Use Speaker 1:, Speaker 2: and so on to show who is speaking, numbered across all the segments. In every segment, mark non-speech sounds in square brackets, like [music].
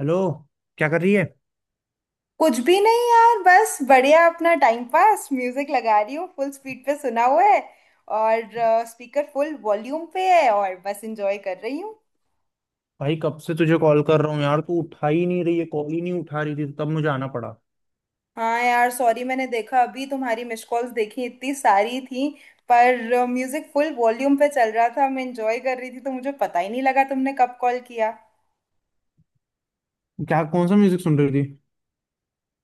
Speaker 1: Hello. क्या कर रही है?
Speaker 2: कुछ भी नहीं यार, बस बढ़िया अपना टाइम पास म्यूजिक लगा रही हूँ। फुल स्पीड पे सुना हुआ है और स्पीकर फुल वॉल्यूम पे है और बस एंजॉय कर रही हूँ।
Speaker 1: भाई कब से तुझे कॉल कर रहा हूँ यार, तू उठा ही नहीं रही है, कॉल ही नहीं उठा रही थी तो तब मुझे आना पड़ा।
Speaker 2: हाँ यार सॉरी, मैंने देखा अभी तुम्हारी मिस कॉल्स देखी, इतनी सारी थी। पर म्यूजिक फुल वॉल्यूम पे चल रहा था, मैं एंजॉय कर रही थी तो मुझे पता ही नहीं लगा तुमने कब कॉल किया।
Speaker 1: क्या, कौन सा म्यूजिक सुन रही थी?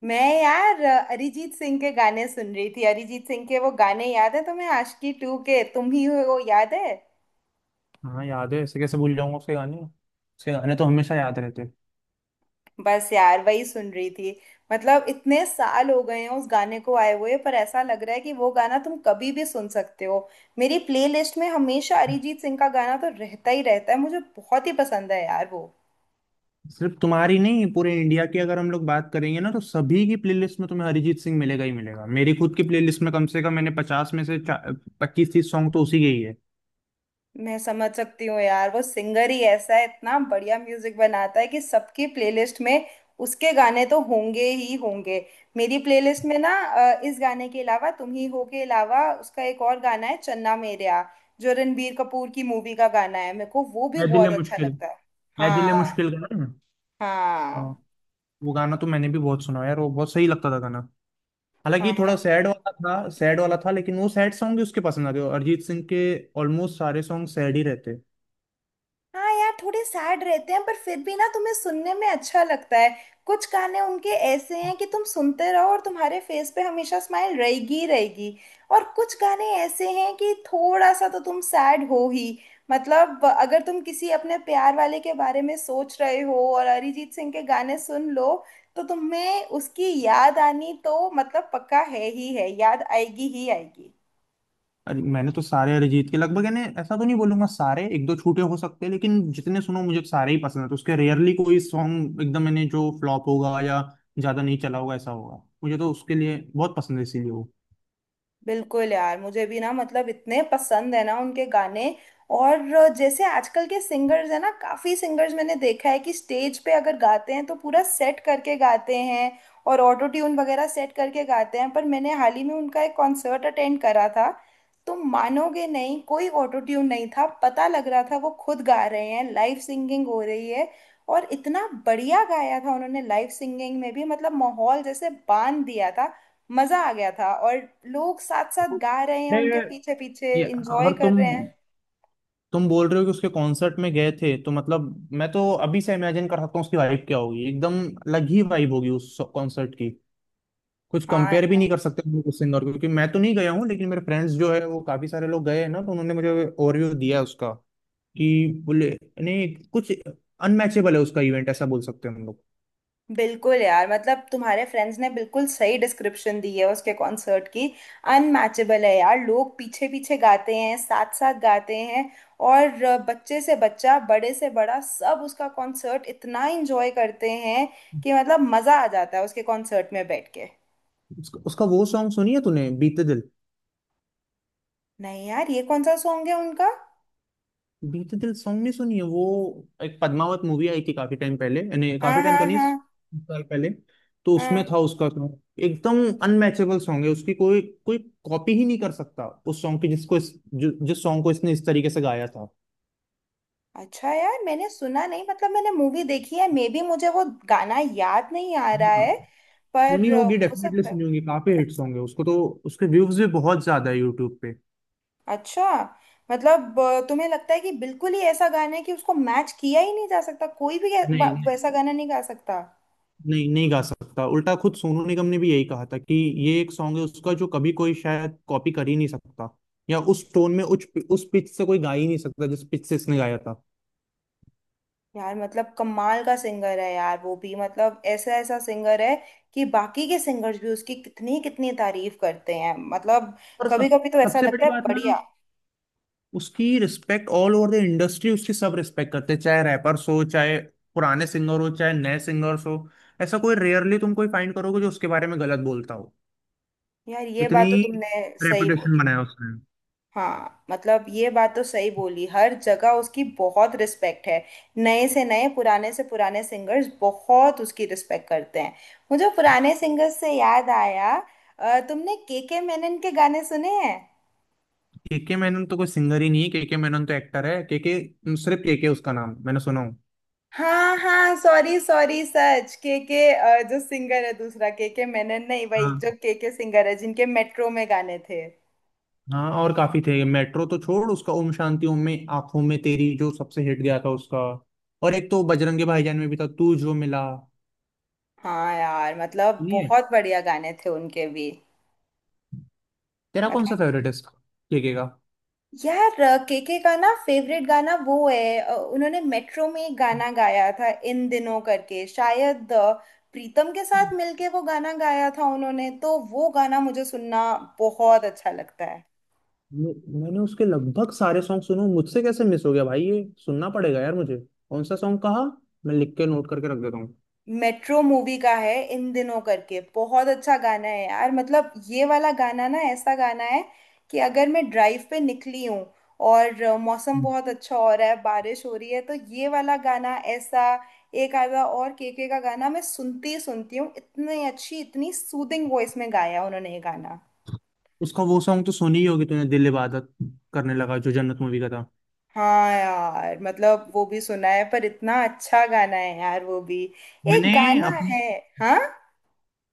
Speaker 2: मैं यार अरिजीत सिंह के गाने सुन रही थी। अरिजीत सिंह के वो गाने याद है तुम्हें आशिकी टू के, तुम ही हो, याद है?
Speaker 1: हाँ याद है, ऐसे कैसे भूल जाऊंगा? उसके गाने, उसके गाने तो हमेशा याद रहते हैं।
Speaker 2: बस यार वही सुन रही थी। मतलब इतने साल हो गए हैं उस गाने को आए हुए, पर ऐसा लग रहा है कि वो गाना तुम कभी भी सुन सकते हो। मेरी प्लेलिस्ट में हमेशा अरिजीत सिंह का गाना तो रहता ही रहता है, मुझे बहुत ही पसंद है यार वो।
Speaker 1: सिर्फ तुम्हारी नहीं, पूरे इंडिया की अगर हम लोग बात करेंगे ना, तो सभी की प्लेलिस्ट में तुम्हें अरिजीत सिंह मिलेगा ही मिलेगा। मेरी खुद की प्लेलिस्ट में कम से कम मैंने 50 में से 25 30 सॉन्ग तो उसी के ही है।
Speaker 2: मैं समझ सकती हूँ यार, वो सिंगर ही ऐसा है, इतना बढ़िया म्यूजिक बनाता है कि सबकी प्लेलिस्ट में उसके गाने तो होंगे ही होंगे। मेरी प्लेलिस्ट में ना इस गाने के अलावा, तुम ही हो के अलावा, उसका एक और गाना है चन्ना मेरेया, जो रणबीर कपूर की मूवी का गाना है, मेरे को वो भी
Speaker 1: मैं दिल
Speaker 2: बहुत
Speaker 1: है
Speaker 2: अच्छा
Speaker 1: मुश्किल।
Speaker 2: लगता है।
Speaker 1: मैं दिल है
Speaker 2: हाँ।
Speaker 1: मुश्किल का ना? हाँ।
Speaker 2: हाँ।
Speaker 1: वो गाना तो मैंने भी बहुत सुना यार, वो बहुत सही लगता था गाना। हालांकि ये थोड़ा
Speaker 2: हाँ।
Speaker 1: सैड वाला था, सैड वाला था, लेकिन वो सैड सॉन्ग भी उसके पसंद आ गए अरिजीत सिंह के। ऑलमोस्ट सारे सॉन्ग सैड ही रहते।
Speaker 2: हाँ यार, थोड़े सैड रहते हैं पर फिर भी ना तुम्हें सुनने में अच्छा लगता है। कुछ गाने उनके ऐसे हैं कि तुम सुनते रहो और तुम्हारे फेस पे हमेशा स्माइल रहेगी ही रहेगी। और कुछ गाने ऐसे हैं कि थोड़ा सा तो तुम सैड हो ही। मतलब अगर तुम किसी अपने प्यार वाले के बारे में सोच रहे हो और अरिजीत सिंह के गाने सुन लो, तो तुम्हें उसकी याद आनी तो मतलब पक्का है ही है, याद आएगी ही आएगी।
Speaker 1: अरे मैंने तो सारे अरिजीत के लगभग, यानी ऐसा तो नहीं बोलूंगा सारे, एक दो छूटे हो सकते हैं, लेकिन जितने सुनो मुझे तो सारे ही पसंद है। तो उसके रेयरली कोई सॉन्ग एकदम, मैंने जो फ्लॉप होगा या ज्यादा नहीं चला होगा ऐसा होगा। मुझे तो उसके लिए बहुत पसंद है, इसीलिए वो।
Speaker 2: बिल्कुल यार, मुझे भी ना मतलब इतने पसंद है ना उनके गाने। और जैसे आजकल के सिंगर्स है ना, काफी सिंगर्स मैंने देखा है कि स्टेज पे अगर गाते हैं तो पूरा सेट करके गाते हैं, और ऑटो ट्यून वगैरह सेट करके गाते हैं। पर मैंने हाल ही में उनका एक कॉन्सर्ट अटेंड करा था, तो मानोगे नहीं, कोई ऑटो ट्यून नहीं था, पता लग रहा था वो खुद गा रहे हैं, लाइव सिंगिंग हो रही है। और इतना बढ़िया गाया था उन्होंने लाइव सिंगिंग में भी, मतलब माहौल जैसे बांध दिया था। मजा आ गया था। और लोग साथ साथ गा रहे हैं, उनके
Speaker 1: अरे,
Speaker 2: पीछे पीछे
Speaker 1: ये
Speaker 2: इंजॉय
Speaker 1: अगर
Speaker 2: कर
Speaker 1: तुम
Speaker 2: रहे हैं।
Speaker 1: तुम बोल रहे हो कि उसके कॉन्सर्ट में गए थे, तो मतलब मैं तो अभी से इमेजिन कर सकता हूँ उसकी वाइब क्या होगी। एकदम अलग ही वाइब होगी उस कॉन्सर्ट की। कुछ
Speaker 2: हाँ
Speaker 1: कंपेयर भी नहीं
Speaker 2: यार।
Speaker 1: कर सकते हम लोग उस इंदौर को, क्योंकि मैं तो नहीं गया हूँ, लेकिन मेरे फ्रेंड्स जो है वो काफी सारे लोग गए हैं ना, तो उन्होंने मुझे ओवरव्यू दिया है उसका कि बोले, नहीं कुछ अनमैचेबल है उसका इवेंट, ऐसा बोल सकते हैं हम लोग।
Speaker 2: बिल्कुल यार, मतलब तुम्हारे फ्रेंड्स ने बिल्कुल सही डिस्क्रिप्शन दी है उसके कॉन्सर्ट की। अनमैचेबल है यार, लोग पीछे पीछे गाते हैं, साथ साथ गाते हैं। और बच्चे से बच्चा, बड़े से बड़ा, सब उसका कॉन्सर्ट इतना इंजॉय करते हैं कि मतलब मजा आ जाता है उसके कॉन्सर्ट में बैठ के।
Speaker 1: उसका वो सॉन्ग सुनी है तूने, बीते दिल?
Speaker 2: नहीं यार, ये कौन सा सॉन्ग है उनका?
Speaker 1: बीते दिल सॉन्ग नहीं सुनी है वो? एक पद्मावत मूवी आई थी काफी टाइम पहले, यानी
Speaker 2: हाँ
Speaker 1: काफी टाइम तो
Speaker 2: हाँ
Speaker 1: नहीं,
Speaker 2: हाँ।
Speaker 1: कुछ साल पहले। तो उसमें
Speaker 2: हाँ।
Speaker 1: था उसका song। एकदम अनमैचेबल सॉन्ग है उसकी। कोई कोई कॉपी ही नहीं कर सकता उस सॉन्ग की जिस सॉन्ग को इसने इस तरीके से गाया
Speaker 2: अच्छा यार, मैंने सुना नहीं। मतलब मैंने मूवी देखी है, मे बी मुझे वो गाना याद नहीं आ रहा
Speaker 1: था।
Speaker 2: है।
Speaker 1: सुनी
Speaker 2: पर
Speaker 1: होगी
Speaker 2: हो
Speaker 1: डेफिनेटली,
Speaker 2: सकता है।
Speaker 1: सुनी होगी, काफी हिट्स होंगे उसको तो। उसके व्यूज भी बहुत ज्यादा है यूट्यूब पे।
Speaker 2: अच्छा। मतलब तुम्हें लगता है कि बिल्कुल ही ऐसा गाना है कि उसको मैच किया ही नहीं जा सकता, कोई भी
Speaker 1: नहीं नहीं।
Speaker 2: वैसा गाना नहीं गा सकता?
Speaker 1: नहीं नहीं गा सकता, उल्टा खुद सोनू निगम ने भी यही कहा था कि ये एक सॉन्ग है उसका जो कभी कोई शायद कॉपी कर ही नहीं सकता। या उस टोन में, उस पिच से कोई गा ही नहीं सकता जिस पिच से इसने गाया था।
Speaker 2: यार मतलब कमाल का सिंगर है यार वो भी, मतलब ऐसा ऐसा सिंगर है कि बाकी के सिंगर्स भी उसकी कितनी कितनी तारीफ करते हैं। मतलब
Speaker 1: और
Speaker 2: कभी
Speaker 1: सब
Speaker 2: कभी तो ऐसा
Speaker 1: सबसे
Speaker 2: लगता
Speaker 1: बड़ी
Speaker 2: है,
Speaker 1: बात ना,
Speaker 2: बढ़िया।
Speaker 1: उसकी respect all over the industry, उसकी सब रिस्पेक्ट करते हैं, चाहे रैपर्स हो, चाहे पुराने सिंगर हो, चाहे नए सिंगर्स हो। ऐसा कोई रेयरली तुम कोई फाइंड करोगे जो उसके बारे में गलत बोलता हो।
Speaker 2: यार ये
Speaker 1: इतनी
Speaker 2: बात तो तुमने सही
Speaker 1: रेपुटेशन
Speaker 2: बोली।
Speaker 1: बनाया उसने।
Speaker 2: हाँ, मतलब ये बात तो सही बोली, हर जगह उसकी बहुत रिस्पेक्ट है। नए से नए, पुराने से पुराने सिंगर्स बहुत उसकी रिस्पेक्ट करते हैं। मुझे पुराने सिंगर्स से याद आया, तुमने के मेनन के गाने सुने हैं?
Speaker 1: केके मैनन तो कोई सिंगर ही नहीं है, केके मैनन तो एक्टर है। केके, सिर्फ केके उसका नाम मैंने सुना हूँ।
Speaker 2: हाँ हाँ, सॉरी सॉरी, सच के, जो सिंगर है, दूसरा। के मेनन नहीं भाई,
Speaker 1: हाँ
Speaker 2: जो के सिंगर है, जिनके मेट्रो में गाने थे।
Speaker 1: हाँ, और काफी थे, मेट्रो तो छोड़, उसका ओम शांति ओम में आंखों में तेरी जो सबसे हिट गया था उसका। और एक तो बजरंगी भाईजान में भी था, तू जो मिला।
Speaker 2: हाँ यार, मतलब
Speaker 1: सुनिए,
Speaker 2: बहुत बढ़िया गाने थे उनके भी।
Speaker 1: तेरा कौन सा
Speaker 2: मतलब।
Speaker 1: फेवरेट है इसका? केके का।
Speaker 2: यार केके का ना फेवरेट गाना वो है, उन्होंने मेट्रो में एक गाना गाया था इन दिनों करके, शायद प्रीतम के साथ मिलके वो गाना गाया था उन्होंने, तो वो गाना मुझे सुनना बहुत अच्छा लगता है।
Speaker 1: मैं- मैंने उसके लगभग सारे सॉन्ग सुने, मुझसे कैसे मिस हो गया भाई? ये सुनना पड़ेगा यार मुझे। कौन सा सॉन्ग कहा, मैं लिख के नोट करके रख देता हूँ।
Speaker 2: मेट्रो मूवी का है इन दिनों करके, बहुत अच्छा गाना है यार, मतलब ये वाला गाना ना ऐसा गाना है कि अगर मैं ड्राइव पे निकली हूँ और मौसम बहुत अच्छा हो रहा है, बारिश हो रही है, तो ये वाला गाना ऐसा। एक आधा और केके का गाना मैं सुनती ही सुनती हूँ, इतनी अच्छी, इतनी सूदिंग वॉइस में गाया उन्होंने ये गाना।
Speaker 1: उसका वो सॉन्ग तो सुनी ही होगी तूने, दिल इबादत करने लगा, जो जन्नत मूवी का था।
Speaker 2: हाँ यार, मतलब वो भी सुना है, पर इतना अच्छा गाना है यार वो भी। एक
Speaker 1: मैंने
Speaker 2: गाना
Speaker 1: अप,
Speaker 2: है। हाँ।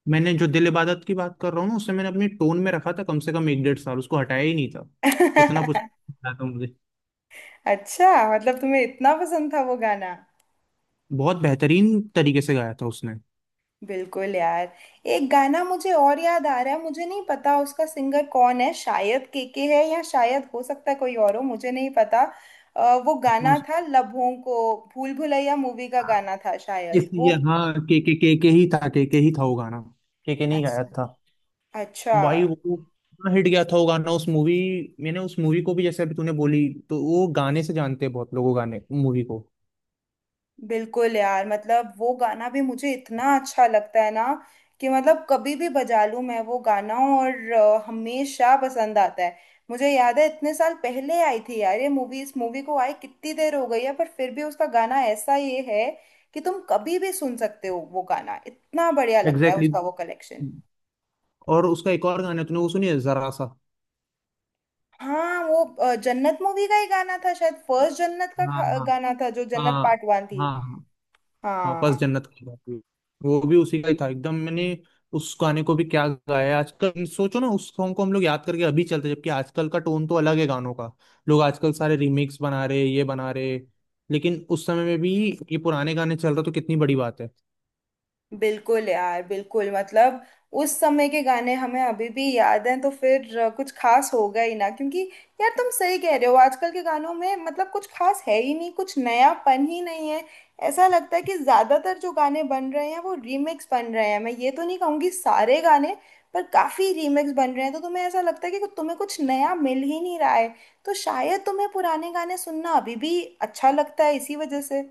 Speaker 1: मैंने जो दिल इबादत की बात कर रहा हूँ ना, उसे मैंने अपनी टोन में रखा था, कम से कम एक डेढ़ साल उसको हटाया ही नहीं था। इतना कुछ
Speaker 2: [laughs]
Speaker 1: गाया था तो मुझे,
Speaker 2: अच्छा। मतलब तुम्हें इतना पसंद था वो गाना?
Speaker 1: बहुत बेहतरीन तरीके से गाया था उसने।
Speaker 2: बिल्कुल यार। एक गाना मुझे और याद आ रहा है, मुझे नहीं पता उसका सिंगर कौन है, शायद केके है या शायद हो सकता है कोई और हो, मुझे नहीं पता। वो
Speaker 1: कौन
Speaker 2: गाना
Speaker 1: सा?
Speaker 2: था लबों को। भूल भुलैया मूवी का गाना था शायद वो।
Speaker 1: इसलिए हाँ, के, के ही था, के ही था वो गाना, के नहीं गाया
Speaker 2: अच्छा।
Speaker 1: था?
Speaker 2: अच्छा।
Speaker 1: भाई वो इतना हिट गया था वो गाना उस मूवी। मैंने उस मूवी को भी, जैसे अभी तूने बोली, तो वो गाने से जानते हैं बहुत लोग, वो गाने मूवी को।
Speaker 2: बिल्कुल यार, मतलब वो गाना भी मुझे इतना अच्छा लगता है ना कि मतलब कभी भी बजा लूं मैं वो गाना और हमेशा पसंद आता है। मुझे याद है इतने साल पहले आई थी यार ये मूवी, इस मूवी को आए कितनी देर हो गई है, पर फिर भी उसका गाना ऐसा ये है कि तुम कभी भी सुन सकते हो वो गाना, इतना बढ़िया लगता है
Speaker 1: एग्जैक्टली,
Speaker 2: उसका वो कलेक्शन।
Speaker 1: exactly, और उसका एक और गाना है, तूने वो सुनी है, जरा सा।
Speaker 2: हाँ वो जन्नत मूवी का ही गाना था शायद, फर्स्ट जन्नत का
Speaker 1: हाँ हाँ
Speaker 2: गाना था, जो जन्नत
Speaker 1: हाँ,
Speaker 2: पार्ट वन थी।
Speaker 1: हाँ हाँ हाँ, बस
Speaker 2: हाँ।
Speaker 1: जन्नत की बात हुई। वो भी उसी का ही था एकदम। मैंने उस गाने को भी क्या गाया है। आजकल सोचो ना, उस सॉन्ग को हम लोग याद करके अभी चलते हैं, जबकि आजकल का टोन तो अलग है गानों का। लोग आजकल सारे रीमिक्स बना रहे, ये बना रहे, लेकिन उस समय में भी ये पुराने गाने चल रहे, तो कितनी बड़ी बात है।
Speaker 2: बिल्कुल यार बिल्कुल, मतलब उस समय के गाने हमें अभी भी याद हैं तो फिर कुछ खास होगा ही ना, क्योंकि यार तुम सही कह रहे हो, आजकल के गानों में मतलब कुछ खास है ही नहीं, कुछ नयापन ही नहीं है। ऐसा लगता है कि ज्यादातर जो गाने बन रहे हैं वो रीमिक्स बन रहे हैं। मैं ये तो नहीं कहूंगी सारे गाने, पर काफी रीमिक्स बन रहे हैं, तो तुम्हें ऐसा लगता है कि तुम्हें कुछ नया मिल ही नहीं रहा है, तो शायद तुम्हें पुराने गाने सुनना अभी भी अच्छा लगता है इसी वजह से।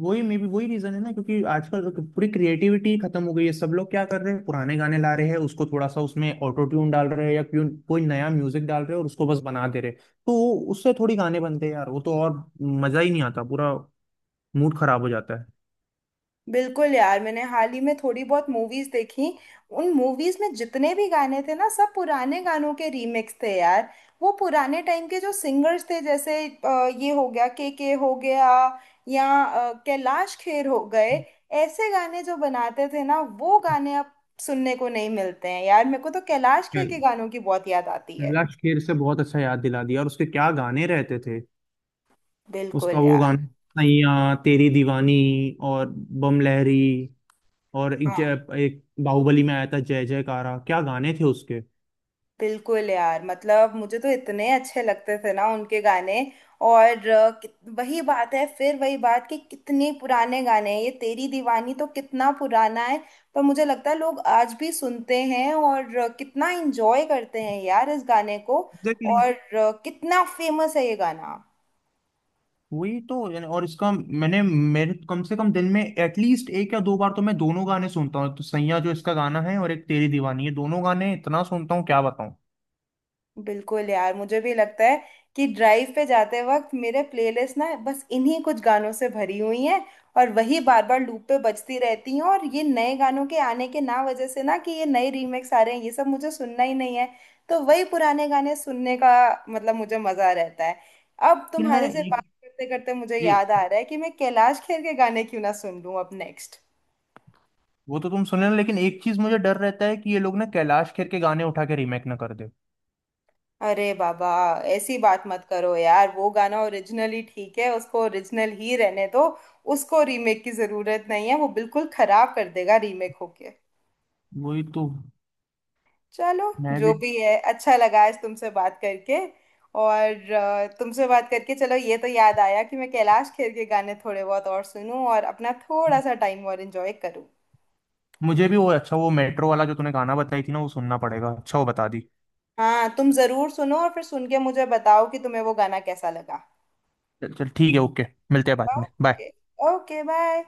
Speaker 1: वही मे भी वही रीजन है ना, क्योंकि आजकल तो पूरी क्रिएटिविटी खत्म हो गई है, सब लोग क्या कर रहे हैं, पुराने गाने ला रहे हैं, उसको थोड़ा सा उसमें ऑटो ट्यून डाल रहे हैं या क्यों कोई नया म्यूजिक डाल रहे हैं और उसको बस बना दे रहे हैं। तो उससे थोड़ी गाने बनते हैं यार वो, तो और मजा ही नहीं आता, पूरा मूड खराब हो जाता है।
Speaker 2: बिल्कुल यार, मैंने हाल ही में थोड़ी बहुत मूवीज देखी। उन मूवीज में जितने भी गाने थे ना सब पुराने गानों के रीमिक्स थे यार। वो पुराने टाइम के जो सिंगर्स थे, जैसे ये हो गया, के हो गया, या कैलाश खेर हो गए, ऐसे गाने जो बनाते थे ना, वो गाने अब सुनने को नहीं मिलते हैं यार। मेरे को तो कैलाश खेर
Speaker 1: खैर,
Speaker 2: के गानों की बहुत याद आती है।
Speaker 1: बिमला शेर से बहुत अच्छा याद दिला दिया, और उसके क्या गाने रहते थे। उसका
Speaker 2: बिल्कुल
Speaker 1: वो
Speaker 2: यार।
Speaker 1: गाना, सैया तेरी दीवानी, और बम लहरी, और एक
Speaker 2: हाँ।
Speaker 1: जय, एक बाहुबली में आया था जय जयकारा, क्या गाने थे उसके।
Speaker 2: बिल्कुल यार, मतलब मुझे तो इतने अच्छे लगते थे ना उनके गाने। और वही बात है, फिर वही बात कि कितने पुराने गाने हैं ये, तेरी दीवानी तो कितना पुराना है, पर मुझे लगता है लोग आज भी सुनते हैं और कितना एंजॉय करते हैं यार इस गाने को।
Speaker 1: एग्जैक्टली,
Speaker 2: और कितना फेमस है ये गाना।
Speaker 1: वही तो, यानी और इसका, मैंने मेरे कम से कम दिन में एटलीस्ट एक या दो बार तो मैं दोनों गाने सुनता हूँ, एक तो सैया जो इसका गाना है और एक तेरी दीवानी, ये दोनों गाने इतना सुनता हूँ क्या बताऊँ।
Speaker 2: बिल्कुल यार, मुझे भी लगता है कि ड्राइव पे जाते वक्त मेरे प्लेलिस्ट ना बस इन्हीं कुछ गानों से भरी हुई हैं, और वही बार बार लूप पे बजती रहती हैं। और ये नए गानों के आने के ना वजह से ना, कि ये नए रीमेक्स आ रहे हैं, ये सब मुझे सुनना ही नहीं है, तो वही पुराने गाने सुनने का मतलब मुझे मजा रहता है। अब
Speaker 1: लेकिन ना
Speaker 2: तुम्हारे से
Speaker 1: एक,
Speaker 2: बात करते करते मुझे याद
Speaker 1: एक
Speaker 2: आ रहा है कि मैं कैलाश खेर के गाने क्यों ना सुन लूं अब नेक्स्ट।
Speaker 1: वो तो तुम सुन लेना, लेकिन एक चीज मुझे डर रहता है कि ये लोग ना कैलाश खेर के गाने उठा के रीमेक ना कर दे।
Speaker 2: अरे बाबा, ऐसी बात मत करो यार, वो गाना ओरिजिनली ठीक है, उसको ओरिजिनल ही रहने दो। उसको रीमेक की जरूरत नहीं है, वो बिल्कुल खराब कर देगा रीमेक होके।
Speaker 1: वही तो,
Speaker 2: चलो।
Speaker 1: मैं
Speaker 2: जो
Speaker 1: भी,
Speaker 2: भी है, अच्छा लगा आज तुमसे बात करके। और तुमसे बात करके चलो ये तो याद आया कि मैं कैलाश खेर के गाने थोड़े बहुत और सुनूं और अपना थोड़ा सा टाइम और एंजॉय करूं।
Speaker 1: मुझे भी वो अच्छा, वो मेट्रो वाला जो तूने गाना बताई थी ना, वो सुनना पड़ेगा, अच्छा वो बता दी।
Speaker 2: हाँ, तुम जरूर सुनो और फिर सुन के मुझे बताओ कि तुम्हें वो गाना कैसा लगा।
Speaker 1: चल चल ठीक है, ओके। मिलते हैं बाद में, बाय।
Speaker 2: ओके। Okay bye.